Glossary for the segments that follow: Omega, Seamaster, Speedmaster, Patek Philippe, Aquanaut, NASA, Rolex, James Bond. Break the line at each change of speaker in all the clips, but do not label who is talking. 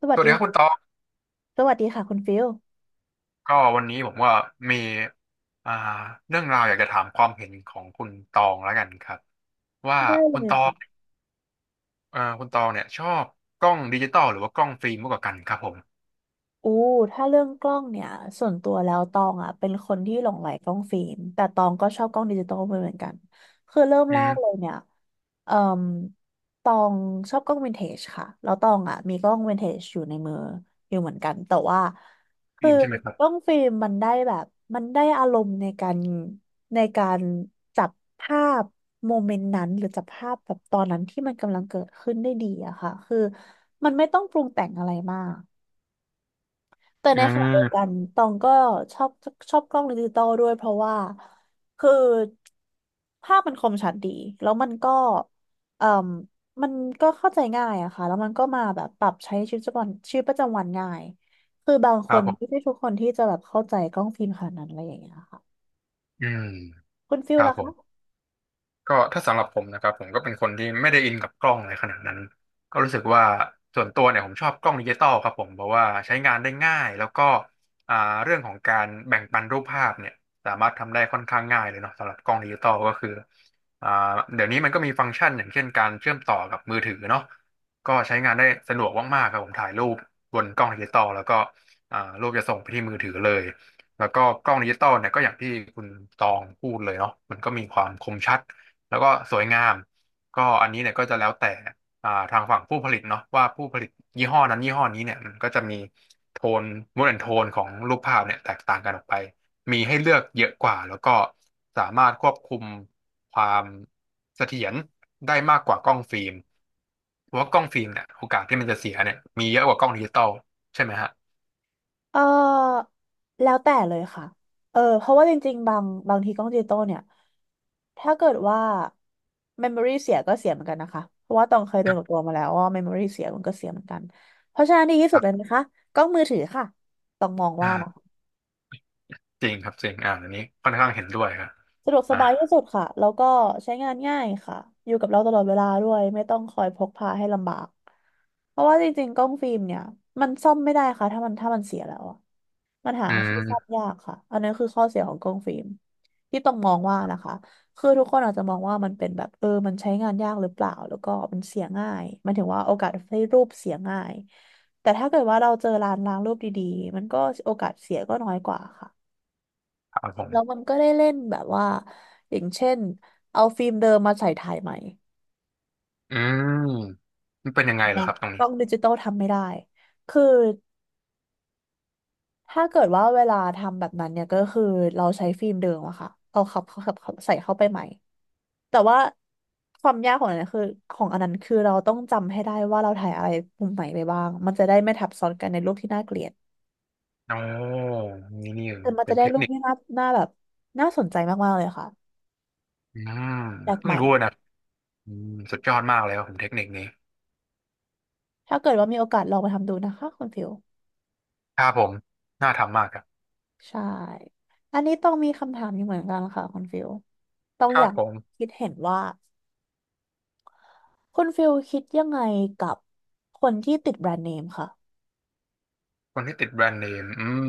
ส
ส
วัส
วัส
ดี
ดีครับคุณตอง
สวัสดีค่ะคุณฟิล
ก็วันนี้ผมว่ามีอ่าเรื่องราวอยากจะถามความเห็นของคุณตองแล้วกันครับว่า
ได้เล
คุณ
ย
ตอ
ค่ะ
งคุณตองเนี่ยชอบกล้องดิจิตอลหรือว่ากล้องฟิล์มมากกว่ากันครับผม
อู้ถ้าเรื่องกล้องเนี่ยส่วนตัวแล้วตองอ่ะเป็นคนที่หลงใหลกล้องฟิล์มแต่ตองก็ชอบกล้องดิจิตอลเหมือนกันคือเริ่ม
อื
แรก
ม
เลยเนี่ยเอ่อตองชอบกล้องวินเทจค่ะแล้วตองอ่ะมีกล้องวินเทจอยู่ในมืออยู่เหมือนกันแต่ว่าคื
ฟิ
อ
ล์มใช่ไหมครับ
กล้องฟิล์มมันได้แบบมันได้อารมณ์ในการในการจับภาพโมเมนต์นั้นหรือจับภาพแบบตอนนั้นที่มันกำลังเกิดขึ้นได้ดีอะค่ะคือมันไม่ต้องปรุงแต่งอะไรมาก แต่ใน
อ่
ขณะเดียวกั
า
นตองก็ชอบชอบกล้องดิจิตอลด้วยเพราะว่าคือภาพมันคมชัดดีแล้วมันก็เอ่มมันก็เข้าใจง่ายอะค่ะแล้วมันก็มาแบบปรับใช้ชีวิตประจำวันชีวิตประจำวันง่ายคือบาง
ค
ค
รับ
น
ผ
ไม่ใช่
ม
ทุกคนที่จะแบบเข้าใจกล้องฟิล์มขนาดนั้นอะไรอย่างเงี้ยค่ะ
อืม
คุณฟิ
ค
ล
รับ
ล่ะ
ผม
คะ
ก็ถ้าสำหรับผมนะครับผมก็เป็นคนที่ไม่ได้อินกับกล้องอะไรขนาดนั้นก็รู้สึกว่าส่วนตัวเนี่ยผมชอบกล้องดิจิตอลครับผมเพราะว่าใช้งานได้ง่ายแล้วก็อ่าเรื่องของการแบ่งปันรูปภาพเนี่ยสามารถทำได้ค่อนข้างง่ายเลยเนาะสำหรับกล้องดิจิตอลก็คืออ่าเดี๋ยวนี้มันก็มีฟังก์ชันอย่างเช่นการเชื่อมต่อกับมือถือเนาะก็ใช้งานได้สะดวกมากๆครับผมถ่ายรูปบนกล้องดิจิตอลแล้วก็รูปจะส่งไปที่มือถือเลยแล้วก็กล้องดิจิตอลเนี่ยก็อย่างที่คุณตองพูดเลยเนาะมันก็มีความคมชัด แล้วก็สวยงามก็อันนี้เนี่ยก็จะแล้วแต่ทางฝั่งผู้ผลิตเนาะว่าผู้ผลิตยี่ห้อนั้นยี่ห้อนี้เนี่ยมันก็จะมีโทนมูดแอนโทนของรูปภาพเนี่ยแตกต่างกันออกไปมีให้เลือกเยอะกว่าแล้วก็สามารถควบคุมความเสถียรได้มากกว่ากล้องฟิล์มเพราะว่ากล้องฟิล์มเนี่ยโอกาสที่มันจะเสียเนี่ยมีเยอะกว่ากล้องดิจิตอลใช่ไหมฮะ
เออแล้วแต่เลยค่ะเออเพราะว่าจริงๆบางบางทีกล้องดิจิตอลเนี่ยถ้าเกิดว่า memory เสียก็เสียเหมือนกันนะคะเพราะว่าตองเคยโดนกับตัวมาแล้วว่า memory เสียมันก็เสียเหมือนกันเพราะฉะนั้นดีที่สุ
ค
ด
รั
เลย
บ
นะคะกล้องมือถือค่ะต้องมองว่านะ
อ่าจริงครับจริงอันนี้ค่อนข้างเห็นด้วยครับ
สะดวกส
อ่า
บายที่สุดค่ะ แล้วก็ใช้งานง่ายค่ะ อยู่กับเราตลอดเวลาด้วย ไม่ต้องคอยพกพาให้ลำบาก เพราะว่าจริงๆกล้องฟิล์มเนี่ยมันซ่อมไม่ได้ค่ะถ้ามันเสียแล้วอะมันหา
อื
ที่ซ่อม
ม
ยากค่ะอันนี้คือข้อเสียของกล้องฟิล์มที่ต้องมองว่านะคะคือทุกคนอาจจะมองว่ามันเป็นแบบเออมันใช้งานยากหรือเปล่าแล้วก็มันเสียง่ายหมันถึงว่าโอกาสให้รูปเสียง่ายแต่ถ้าเกิดว่าเราเจอร้านล้างรูปดีๆมันก็โอกาสเสียก็น้อยกว่าค่ะ
ครับผ
แล้วมั
ม
นก็ได้เล่นแบบว่าอย่างเช่นเอาฟิล์มเดิมมาใส่ถ่ายใหม่
อืม มันเป็นยังไงเหรอ
เนี่ย
ครับตรง
ก
นี้
ล้องดิจิตอลทำไม่ได้คือถ้าเกิดว่าเวลาทำแบบนั้นเนี่ยก็คือเราใช้ฟิล์มเดิมอะค่ะเอาขับข้าขับเใส่เข้าไปใหม่แต่ว่าความยากของอันนั้นคือของอันนั้นคือเราต้องจำให้ได้ว่าเราถ่ายอะไรมุมไหนไปบ้างมันจะได้ไม่ทับซ้อนกันในรูปที่น่าเกลียด
โอ้นี่นี่
แต่มัน
เป็
จะ
น
ได้
เทค
รูป
นิค
ที่น่าแบบน่าสนใจมากๆเลยค่ะ
อืม
แปลกให
เพิ่ง
ม่
รู้นะอืมสุดยอดมากเลยครับผมเทคนิคนี้
ถ้าเกิดว่ามีโอกาสลองไปทำดูนะคะคุณฟิว
ครับผมน่าทำมากครับ
ใช่ อันนี้ต้องมีคำถามอยู่เหมือนกันค่ะคุณฟิลต้อง
ค
อ
รับ
ยาก
ผม
คิดเห็นว่าคุณฟิลคิดยังไงกับคนที่ติดแบรนด์เนมค่ะ
คนที่ติดแบรนด์เนมอืม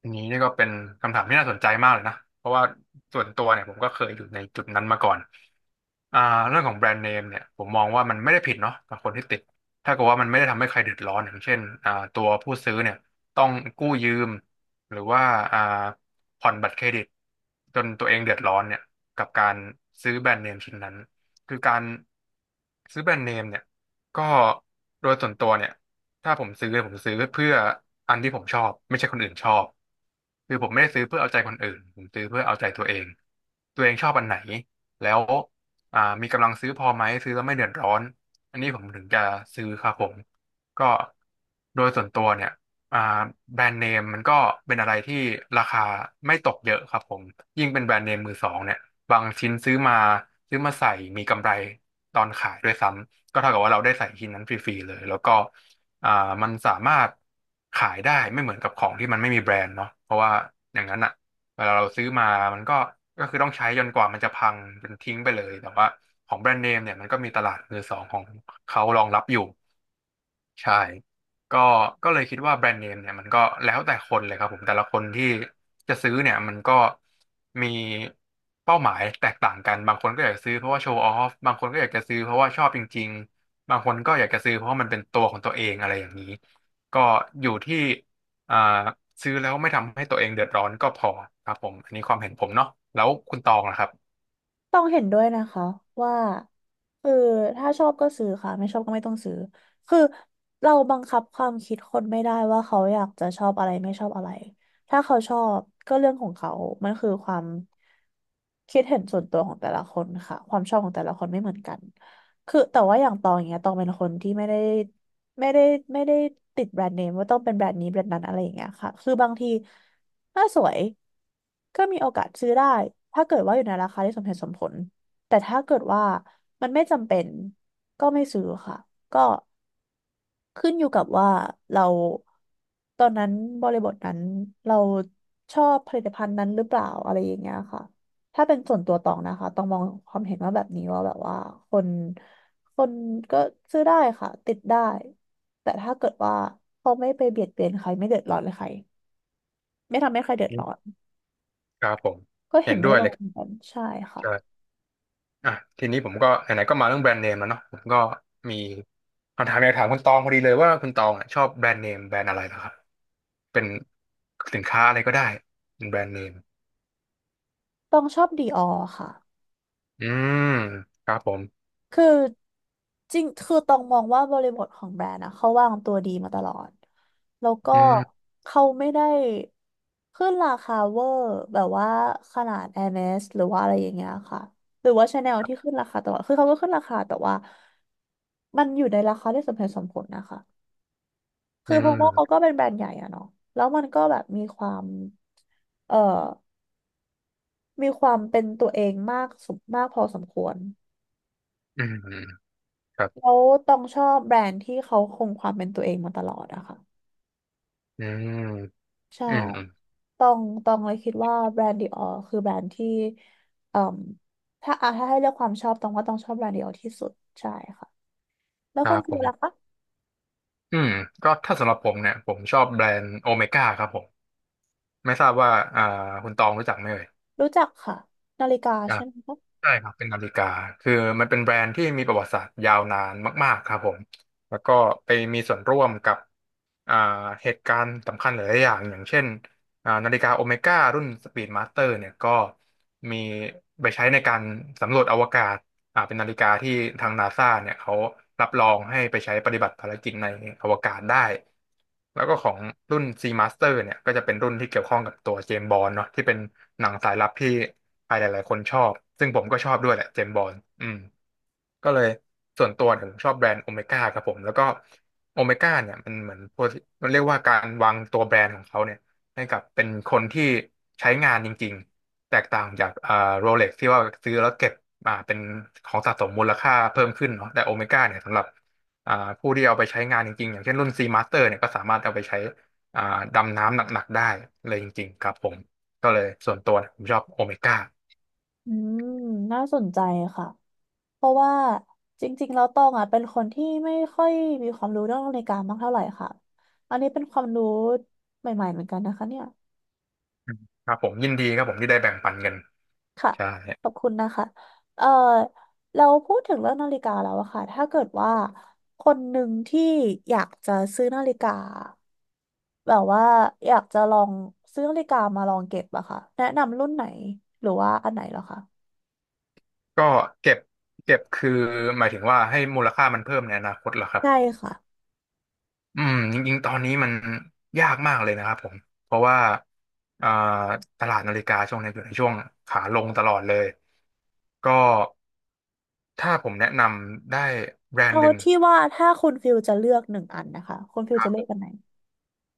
อันนี้นี่ก็เป็นคำถามที่น่าสนใจมากเลยนะ เพราะว่าส่วนตัวเนี่ยผมก็เคยอยู่ในจุดนั้นมาก่อน อ่าเรื่องของแบรนด์เนมเนี่ยผมมองว่ามันไม่ได้ผิดเนาะกับคนที่ติดถ้าเกิดว่ามันไม่ได้ทำให้ใครเดือดร้อนอย่างเช่นตัวผู้ซื้อเนี่ยต้องกู้ยืมหรือว่าอ่าผ่อนบัตรเครดิตจนตัวเองเดือดร้อนเนี่ยกับการซื้อแบรนด์เนมชิ้นนั้นคือการซื้อแบรนด์เนมเนี่ยก็โดยส่วนตัวเนี่ยถ้าผมซื้อเพื่ออันที่ผมชอบไม่ใช่คนอื่นชอบคือผมไม่ได้ซื้อเพื่อเอาใจคนอื่นผมซื้อเพื่อเอาใจตัวเองตัวเองชอบอันไหนแล้ว มีกำลังซื้อพอไหมซื้อแล้วไม่เดือดร้อนอันนี้ผมถึงจะซื้อครับผมก็โดยส่วนตัวเนี่ยอ่าแบรนด์เนมมันก็เป็นอะไรที่ราคาไม่ตกเยอะครับผมยิ่งเป็นแบรนด์เนมมือสองเนี่ยบางชิ้นซื้อมาใส่มีกำไรตอนขายด้วยซ้ำก็เท่ากับว่าเราได้ใส่ชิ้นนั้นฟรีๆเลยแล้วก็อ่ามันสามารถขายได้ไม่เหมือนกับของที่มันไม่มีแบรนด์เนาะเพราะว่าอย่างนั้นอ่ะ เวลาเราซื้อมามันก็คือต้องใช้จนกว่ามันจะพังจนทิ้งไปเลยแต่ว่าของแบรนด์เนมเนี่ยมันก็มีตลาดมือสองของเขารองรับอยู่ ใช่ก็ก็เลยคิดว่าแบรนด์เนมเนี่ยมันก็แล้วแต่คนเลยครับผมแต่ละคนที่จะซื้อเนี่ยมันก็มีเป้าหมายแตกต่างกันบางคนก็อยากจะซื้อเพราะว่าโชว์ออฟบางคนก็อยากจะซื้อเพราะว่าชอบจริงๆบางคนก็อยากจะซื้อเพราะว่ามันเป็นตัวของตัวเองอะไรอย่างนี้ก็อยู่ที่อ่าซื้อแล้วไม่ทำให้ตัวเองเดือดร้อนก็พอครับผมอันนี้ความเห็นผมเนาะแล้วคุณตองล่ะครับ
ต้องเห็นด้วยนะคะว่าคือถ้าชอบก็ซื้อค่ะไม่ชอบก็ไม่ต้องซื้อคือเราบังคับความคิดคนไม่ได้ว่าเขาอยากจะชอบอะไรไม่ชอบอะไรถ้าเขาชอบก็เรื่องของเขามันคือความคิดเห็นส่วนตัวของแต่ละคนค่ะความชอบของแต่ละคนไม่เหมือนกัน คือแต่ว่าอย่างตองอย่างเงี้ยตองเป็นคนที่ไม่ได้ไม่ได้ติดแบรนด์เนมว่าต้องเป็นแบรนด์นี้แบรนด์นั้นอะไรอย่างเงี้ยค่ะคือบางทีถ้าสวยก็มีโอกาสซื้อได้ถ้าเกิดว่าอยู่ในราคาที่สมเหตุสมผลแต่ถ้าเกิดว่ามันไม่จำเป็นก็ไม่ซื้อค่ะก็ ขึ้นอยู่กับว่าเราตอนนั้นบริบทนั้นเราชอบผลิตภัณฑ์นั้นหรือเปล่าอะไรอย่างเงี้ยค่ะ ถ้าเป็นส่วนตัวตองนะคะต้องมองความเห็นว่าแบบนี้ว่าแบบว่าคนคนก็ซื้อได้ค่ะติดได้แต่ถ้าเกิดว่าเขาไม่ไปเบียดเบียนใครไม่เดือดร้อนใครไม่ทำให้ใครเดือดร้อน
ครับผม
ก็
เห็
เห็
น
นด้
ด้
ว
ว
ย
ย
ต
เล
ร
ย
งนั้นใช่ค่ะ
ครับ อ่ะทีนี้ผมก็ไหนๆก็มาเรื่องแบรนด์เนมแล้วเนาะผมก็มีคำถามอยากถามคุณตองพอดีเลยว่าคุณตองอ่ะชอบแบรนด์เนมแบรนด์อะไรเหรอครับเป็นสินค้าอะไรก็ได้เป็นแบรนด์เนม
ต้องชอบดีออค่ะ
อืมครับผม
คือจริงคือต้องมองว่าบริบทของแบรนด์นะเขาวางตัวดีมาตลอดแล้วก็
อืม
เขาไม่ได้ขึ้นราคาเวอร์แบบว่าขนาด Hermes หรือว่าอะไรอย่างเงี้ยค่ะหรือว่า Chanel ที่ขึ้นราคาตลอดคือเขาก็ขึ้นราคาแต่ว่ามันอยู่ในราคาที่สมเหตุสมผลนะคะ
อื
คือเพราะว่าเขา
ม
ก็เป็นแบรนด์ใหญ่อะเนาะแล้วมันก็แบบมีความเอ่อมีความเป็นตัวเองมากสมมากพอสมควร
อืมอืมครับ
แล้วต้องชอบแบรนด์ที่เขาคงความเป็นตัวเองมาตลอดอะค่ะ
อืม
ใช่
อืมอืม
ต้องต้องเลยคิดว่าแบรนด์ดิออคือแบรนด์ที่เอ่มถ้าอ่ะถ้าให้เลือกความชอบต้องว่าต้องชอบแบรนด์ดิออที่สุดใช่ค่ะแล้ว
ค
ค
รั
น
บ
คื
ผ
อล่ะ
ม
คะ
อืมก็ถ้าสำหรับผมเนี่ยผมชอบแบรนด์โอเมก้าครับผมไม่ทราบว่าอ่าคุณตองรู้จักไหมเอ่ย
รู้จักค่ะนาฬิกาใช่ไหมคะ
ใช่ครับเป็นนาฬิกาคือมันเป็นแบรนด์ที่มีประวัติศาสตร์ยาวนานมากๆครับผมแล้วก็ไปมีส่วนร่วมกับอ่าเหตุการณ์สำคัญหลายๆอย่างอย่างเช่น นาฬิกาโอเมก้ารุ่นสปีดมาสเตอร์เนี่ยก็มีไปใช้ในการสำรวจอวกาศเป็นนาฬิกาที่ทางนาซาเนี่ยเขารับรองให้ไปใช้ปฏิบัติภารกิจในอวกาศได้ แล้วก็ของรุ่น C Master เนี่ยก็จะเป็นรุ่นที่เกี่ยวข้องกับตัวเจมส์บอนด์เนาะที่เป็นหนังสายลับที่ใครหลายๆคนชอบซึ่งผมก็ชอบด้วยแหละเจมส์บอนด์อืม ก็เลยส่วนตัวเนี่ยผมชอบแบรนด์โอเมก้าครับผมแล้วก็โอเมก้าเนี่ยมันเหมือนพวกมันเรียกว่าการวางตัวแบรนด์ของเขาเนี่ยให้กับเป็นคนที่ใช้งานจริงๆแตกต่างจากโรเล็กที่ว่าซื้อแล้วเก็บเป็นของสะสมมูลค่าเพิ่มขึ้นเนาะแต่โอเมก้าเนี่ยสำหรับอ่าผู้ที่เอาไปใช้งานจริงๆอย่างเช่นรุ่น C Master เนี่ยก็สามารถเอาไปใช้อ่าดำน้ำหนักๆได้เลยจริงๆครับผมก็เลยส่วนตัวเนี่ยผมชอบโอเมก้า
อืมน่าสนใจค่ะเพราะว่าจริงๆแล้วตองอ่ะเป็นคนที่ไม่ค่อยมีความรู้เรื่องนาฬิกามากเท่าไหร่ค่ะอันนี้เป็นความรู้ใหม่ๆเหมือนกันนะคะเนี่ย
ครับผมยินดีครับผมที่ได้แบ่งปันกัน
ค่ะ
ใช่
ขอบคุณนะคะเอ่อเราพูดถึงเรื่องนาฬิกาแล้วอะค่ะถ้าเกิดว่าคนหนึ่งที่อยากจะซื้อนาฬิกาแบบว่าอยากจะลองซื้อนาฬิกามาลองเก็บอะค่ะแนะนำรุ่นไหนหรือว่าอันไหนเหรอคะ
ก็เก็บคือหมายถึงว่าให้มูลค่ามันเพิ่มในอนาคตเหรอครับ
ใช่ค่ะ
อืมจริงๆตอนนี้มันยากมากเลยนะครับผมเพราะว่าอ่าตลาดนาฬิกาช่วงนี้อยู่ในช่วงขาลงตลอดเลยก็ถ้าผมแนะนำได้แบรน
เอา
ด์หนึ่ง
ที่ว่าถ้าคุณฟิลจะเลือกหนึ่งอันนะคะคุณฟิล
ครั
จะ
บ
เลื
ผ
อกอันไห
ม
น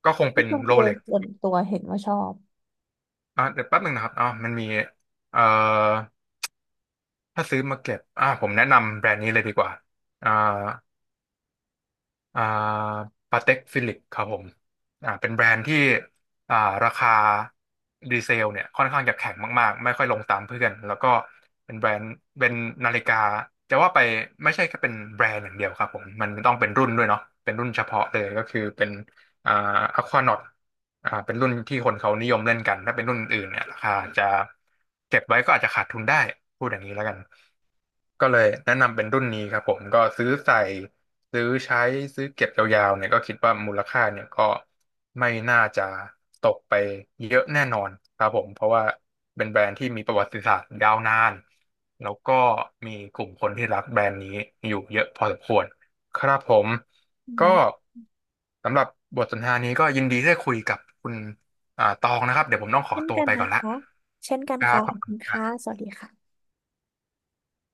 ก็คง
ที่
เป็น
คุณ
โร
ฟิล
เล็ก
ส่วนตัวเห็นว่าชอบ
เดี๋ยวแป๊บหนึ่งนะครับอ๋อมันมีเอ่อถ้าซื้อมาเก็บผมแนะนำแบรนด์นี้เลยดีกว่าอ่า อ่าปาเต็กฟิลิปครับผมเป็นแบรนด์ที่อ่าราคาดีเซลเนี่ยค่อนข้างจะแข็งมากๆไม่ค่อยลงตามเพื่อนแล้วก็เป็นแบรนด์เป็นนาฬิกาจะว่าไปไม่ใช่แค่เป็นแบรนด์อย่างเดียวครับผมมันต้องเป็นรุ่นด้วยเนาะเป็นรุ่นเฉพาะเลยก็คือเป็นอ่าอควานอตเป็นรุ่นที่คนเขานิยมเล่นกันถ้าเป็นรุ่นอื่นเนี่ยราคาจะเก็บไว้ก็อาจจะขาดทุนได้พูดอย่างนี้แล้วกัน ก็เลยแนะนำเป็นรุ่นนี้ครับผมก็ซื้อใส่ซื้อใช้ซื้อเก็บยาวๆเนี่ยก็คิดว่ามูลค่าเนี่ยก็ไม่น่าจะตกไปเยอะแน่นอนครับผมเพราะว่าเป็นแบรนด์ที่มีประวัติศาสตร์ยาวนานแล้วก็มีกลุ่มคนที่รักแบรนด์นี้อยู่เยอะพอสมควรครับผม
อื
ก็
ม
สำหรับบทสนทนานี้ก็ยินดีที่ได้คุยกับคุณตองนะครับเดี๋ยวผมต้องขอ
เช่น
ตัว
กัน
ไป
นะ
ก่อนละ
คะเช่นกัน
ครั
ค่ะ
บข
ข
อ
อ
บ
บ
คุ
คุ
ณ
ณ
ครั
ค่ะ
บ
สวัสดีค่ะ